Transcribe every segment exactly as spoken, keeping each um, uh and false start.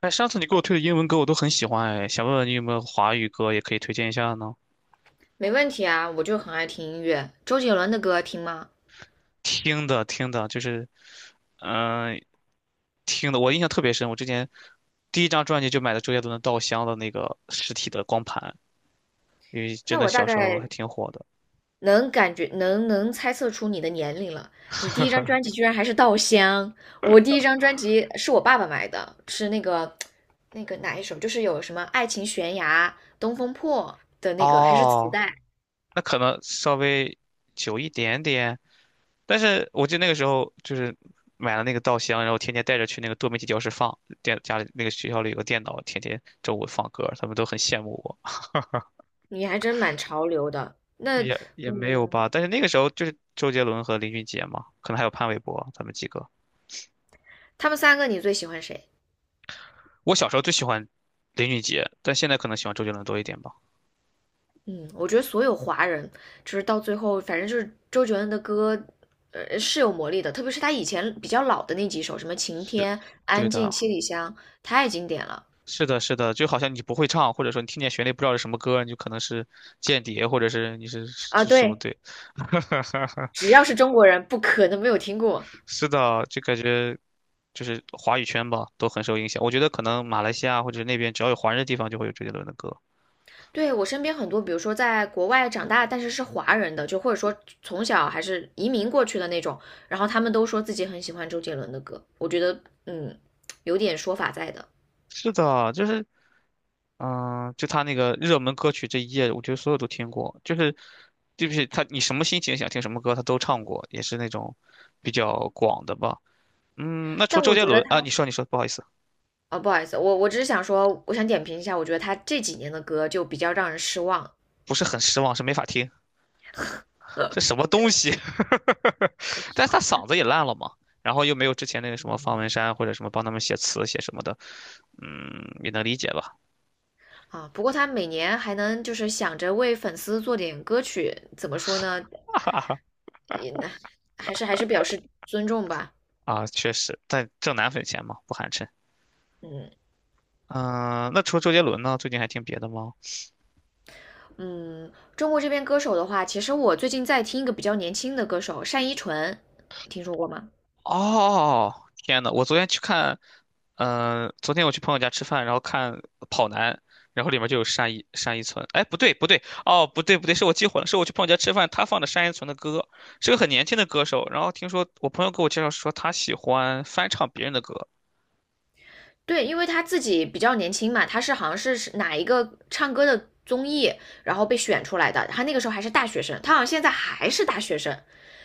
哎，上次你给我推的英文歌我都很喜欢，哎，想问问你有没有华语歌也可以推荐一下呢？没问题啊，我就很爱听音乐，周杰伦的歌听吗？听的听的，就是，嗯、听的，我印象特别深。我之前第一张专辑就买的周杰伦的《稻香》的那个实体的光盘，因为真那的我大小时候还概挺火的。能感觉能能猜测出你的年龄了。你第一张专辑居然还是《稻香》，我第一张专辑是我爸爸买的，是那个那个哪一首，就是有什么《爱情悬崖》《东风破》的那个，还是磁哦，带。那可能稍微久一点点，但是我记得那个时候就是买了那个《稻香》，然后天天带着去那个多媒体教室放，电家里那个学校里有个电脑，天天周五放歌，他们都很羡慕我。你还真蛮潮流的。那也也没有嗯，吧，但是那个时候就是周杰伦和林俊杰嘛，可能还有潘玮柏他们几个。他们三个你最喜欢谁？我小时候最喜欢林俊杰，但现在可能喜欢周杰伦多一点吧。嗯，我觉得所有华人就是到最后，反正就是周杰伦的歌，呃，是有魔力的。特别是他以前比较老的那几首，什么《晴是，天》对《安静》的，《七里香》，太经典了是的，是的，就好像你不会唱，或者说你听见旋律不知道是什么歌，你就可能是间谍，或者是你是啊！是什么对，对，只要是中国人，不可能没有听过。是的，就感觉就是华语圈吧，都很受影响。我觉得可能马来西亚或者那边只要有华人的地方，就会有周杰伦的歌。对，我身边很多，比如说在国外长大，但是是华人的，就或者说从小还是移民过去的那种，然后他们都说自己很喜欢周杰伦的歌。我觉得，嗯，有点说法在的。是的，就是嗯，就他那个热门歌曲这一页，我觉得所有都听过，就是对不起，他你什么心情想听什么歌，他都唱过，也是那种比较广的吧。嗯，那除但周我杰觉得伦啊，他。你说你说，不好意思，啊，不好意思，我我只是想说，我想点评一下，我觉得他这几年的歌就比较让人失望不是很失望，是没法听，是什么东西？但是他嗓子也烂了嘛，然后又没有之前那个什么方文山或者什么帮他们写词写什么的，嗯，也能理解吧。啊。不过他每年还能就是想着为粉丝做点歌曲，怎么说呢？也还是还是表示尊重吧。啊，确实，但挣奶粉钱嘛，不寒碜。嗯嗯，那除了周杰伦呢，最近还听别的吗？嗯，中国这边歌手的话，其实我最近在听一个比较年轻的歌手单依纯，听说过吗？哦，天呐，我昨天去看，嗯、昨天我去朋友家吃饭，然后看《跑男》，然后里面就有单依单依纯。哎，不对不对，哦，不对不对，是我记混了，是我去朋友家吃饭，他放的单依纯的歌，是个很年轻的歌手。然后听说我朋友给我介绍说他喜欢翻唱别人的歌。对，因为他自己比较年轻嘛，他是好像是是哪一个唱歌的综艺，然后被选出来的。他那个时候还是大学生，他好像现在还是大学生，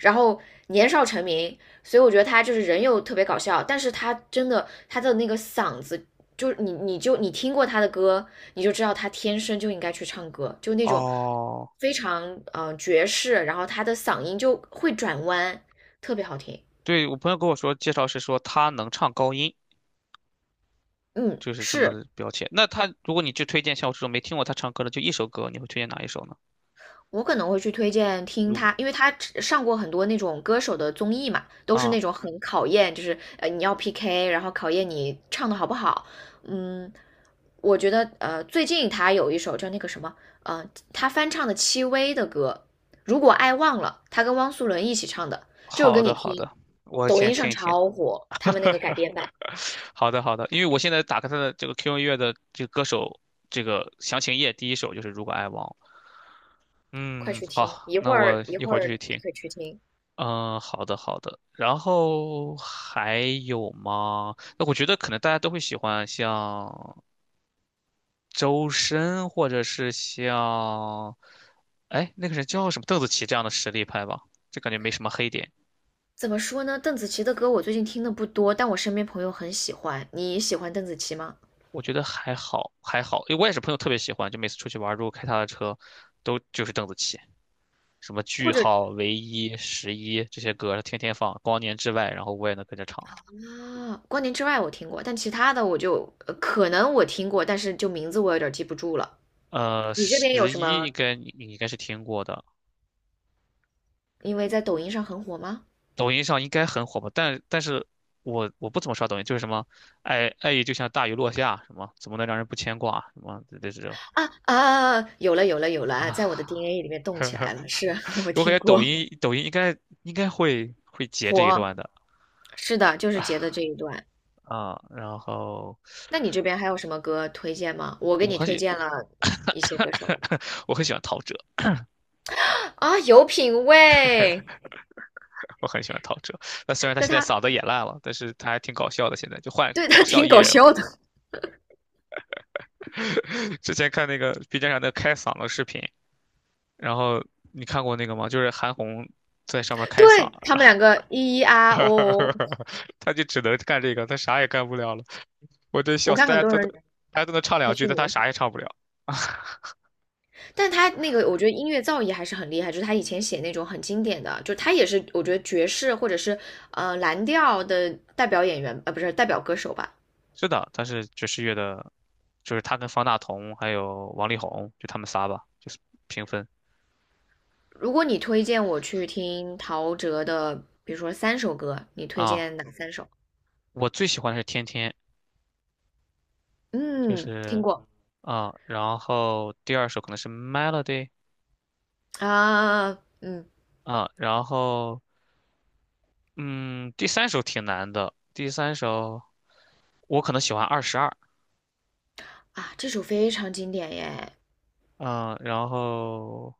然后年少成名，所以我觉得他就是人又特别搞笑，但是他真的他的那个嗓子，就是你你就你听过他的歌，你就知道他天生就应该去唱歌，就那种哦，非常嗯爵士，然后他的嗓音就会转弯，特别好听。对，我朋友跟我说介绍是说他能唱高音，嗯，就是这是。么标签。那他如果你去推荐像我这种没听过他唱歌的就一首歌，你会推荐哪一首呢？我可能会去推荐听如果他，因为他上过很多那种歌手的综艺嘛，都是啊，那种很考验，就是呃你要 P K,然后考验你唱的好不好。嗯，我觉得呃最近他有一首叫那个什么，呃他翻唱的戚薇的歌，如果爱忘了，他跟汪苏泷一起唱的这首歌，好的你好听，的，我抖先音听上一听。超火，他们那个改编版，好的，好的，因为我现在打开他的这个 Q Q 音乐的这个歌手这个详情页，第一首就是《如果爱忘了》。快嗯，去听，好，一那会儿我一一会会儿就去儿你听。可以去听。嗯，好的，好的。然后还有吗？那我觉得可能大家都会喜欢像周深，或者是像，哎，那个人叫什么邓紫棋这样的实力派吧，这感觉没什么黑点。怎么说呢？邓紫棋的歌我最近听的不多，但我身边朋友很喜欢。你喜欢邓紫棋吗？我觉得还好，还好，因为我也是朋友特别喜欢，就每次出去玩儿如果开他的车，都就是邓紫棋。什么或句者号、唯一、十一这些歌，他天天放，光年之外，然后我也能跟着唱。啊，《光年之外》我听过，但其他的我就呃可能我听过，但是就名字我有点记不住了。呃，你这边有十什一么？应该你你应该是听过的，因为在抖音上很火吗？抖音上应该很火吧？但但是我我不怎么刷抖音，就是什么爱爱意就像大雨落下，什么怎么能让人不牵挂，什么这这种啊啊，啊有了有了有了啊，在我的 啊。D N A 里面动起来了。是 我我感听觉抖过音抖音应该应该会会截这一火，段的是的，就是截的这一段。啊。然后那你这边还有什么歌推荐吗？我给我你很推喜 荐了一些歌手 我很喜欢陶喆。吧啊，有品味。我很喜欢陶喆。那虽然他那现在他嗓子也烂了，但是他还挺搞笑的，现在就换对 搞他笑挺艺搞人了。笑的，之前看那个 B 站上的开嗓的视频，然后你看过那个吗？就是韩红在上面开嗓，对他们两个咿咿啊哦哦哦，他就只能干这个，他啥也干不了了。我真笑我死，看大很家多都能人大家都能唱还两句，去但他模啥仿，也唱不了。但他那个我觉得音乐造诣还是很厉害，就是他以前写那种很经典的，就他也是我觉得爵士或者是呃蓝调的代表演员，呃不是代表歌手吧。是的，他是爵士乐的，就是他跟方大同还有王力宏，就他们仨吧，就是平分如果你推荐我去听陶喆的，比如说三首歌，你推啊。荐哪三首？我最喜欢的是天天，就嗯，听是过啊，然后第二首可能是 Melody 啊，嗯啊，然后嗯，第三首挺难的，第三首我可能喜欢二十二，啊，这首非常经典耶，嗯，然后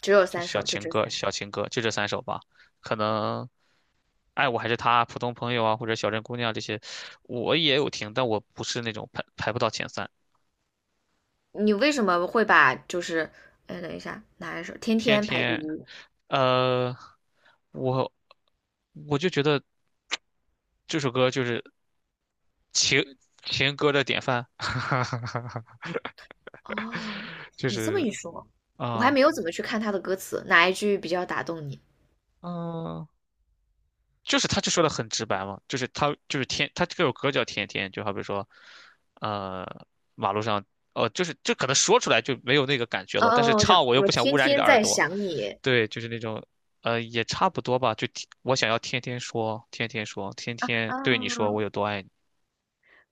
只有就三小首，就情这歌，三小首。情歌就这三首吧，可能爱我还是他，普通朋友啊，或者小镇姑娘这些，我也有听，但我不是那种排排不到前三，你为什么会把就是，哎，等一下，哪一首？天天天排第天，一。呃，我我就觉得 这首歌就是。情情歌的典范，哦，就你这么是一说，我还啊没有怎么去看他的歌词，哪一句比较打动你？嗯，就是他就说的很直白嘛，就是他就是天，他这首歌叫天天，就好比说，呃，马路上，哦，就是这可能说出来就没有那个感觉哦了，但是哦哦，我知道，唱我又我不想污天染你的天耳在朵，想你对，就是那种，呃，也差不多吧，就天我想要天天说，天天说，天天对你说我啊，有多爱你。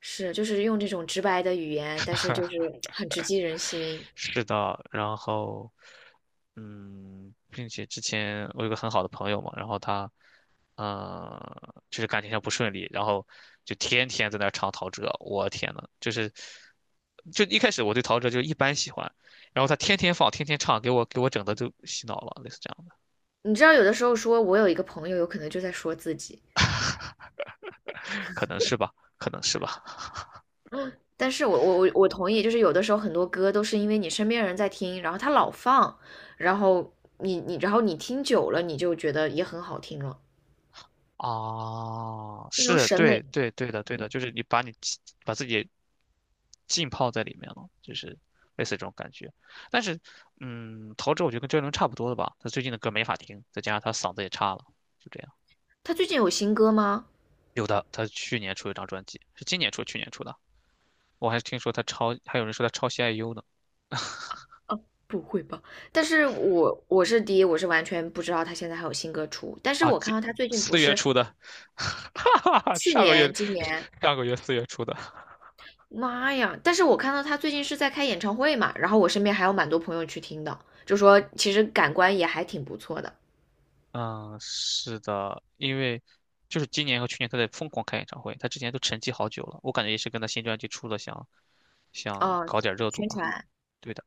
是，就是用这种直白的语言，但是就是很直击人心。是的，然后，嗯，并且之前我有个很好的朋友嘛，然后他，呃，就是感情上不顺利，然后就天天在那儿唱陶喆，我天呐，就是，就一开始我对陶喆就一般喜欢，然后他天天放，天天唱，给我给我整的都洗脑了，类似这样的，你知道，有的时候说我有一个朋友，有可能就在说自己。可能是吧，可能是吧。但是我我我我同意，就是有的时候很多歌都是因为你身边人在听，然后他老放，然后你你然后你听久了，你就觉得也很好听了，啊，这种是审对美。对对的，对的，就是你把你把自己浸泡在里面了，就是类似这种感觉。但是，嗯，陶喆我觉得跟周杰伦差不多的吧，他最近的歌没法听，再加上他嗓子也差了，就这样。他最近有新歌吗？有的，他去年出一张专辑，是今年出，去年出的。我还听说他抄，还有人说他抄袭 I U 呢。不会吧？但是我我是第一，我是完全不知道他现在还有新歌出，但是啊，我看今到他最近不四月是出的，哈哈哈，去上个月，年、今年，上个月四月出的。妈呀！但是我看到他最近是在开演唱会嘛，然后我身边还有蛮多朋友去听的，就说其实感官也还挺不错的。嗯，是的，因为就是今年和去年他在疯狂开演唱会，他之前都沉寂好久了，我感觉也是跟他新专辑出了想想哦，搞点热度宣吧。传，对的，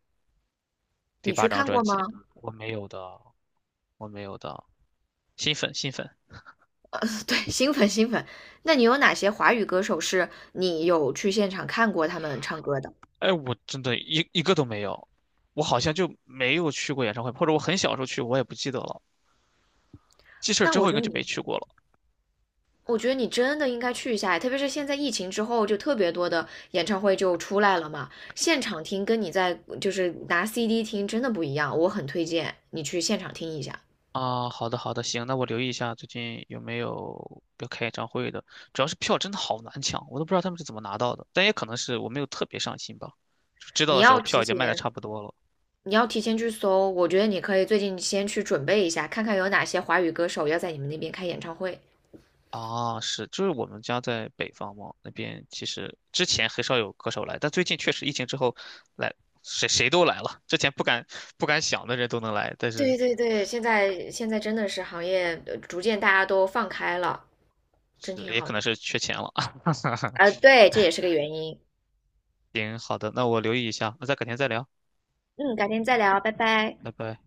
第你八去张看专过吗？辑，我没有的，我没有的，新粉新粉，呃，对，新粉新粉，那你有哪些华语歌手是你有去现场看过他们唱歌的？哎，我真的一一个都没有，我好像就没有去过演唱会，或者我很小时候去，我也不记得了。记事儿那之我后应觉该得就没你，去过了我觉得你真的应该去一下，特别是现在疫情之后，就特别多的演唱会就出来了嘛，现场听跟你在就是拿 C D 听真的不一样，我很推荐你去现场听一下。啊。好的好的，行，那我留意一下最近有没有要开演唱会的，主要是票真的好难抢，我都不知道他们是怎么拿到的，但也可能是我没有特别上心吧，就知道你的时候要票提已经卖的前，差不多了。你要提前去搜，我觉得你可以最近先去准备一下，看看有哪些华语歌手要在你们那边开演唱会。啊，是，就是我们家在北方嘛，那边其实之前很少有歌手来，但最近确实疫情之后来，谁谁都来了。之前不敢不敢想的人都能来，但是对对对，现在现在真的是行业呃逐渐大家都放开了，真是挺也好可能的。是缺钱了。呃，对，这也是个原因。行，好的，那我留意一下，那再改天再聊，嗯，改天再聊，拜拜。拜拜。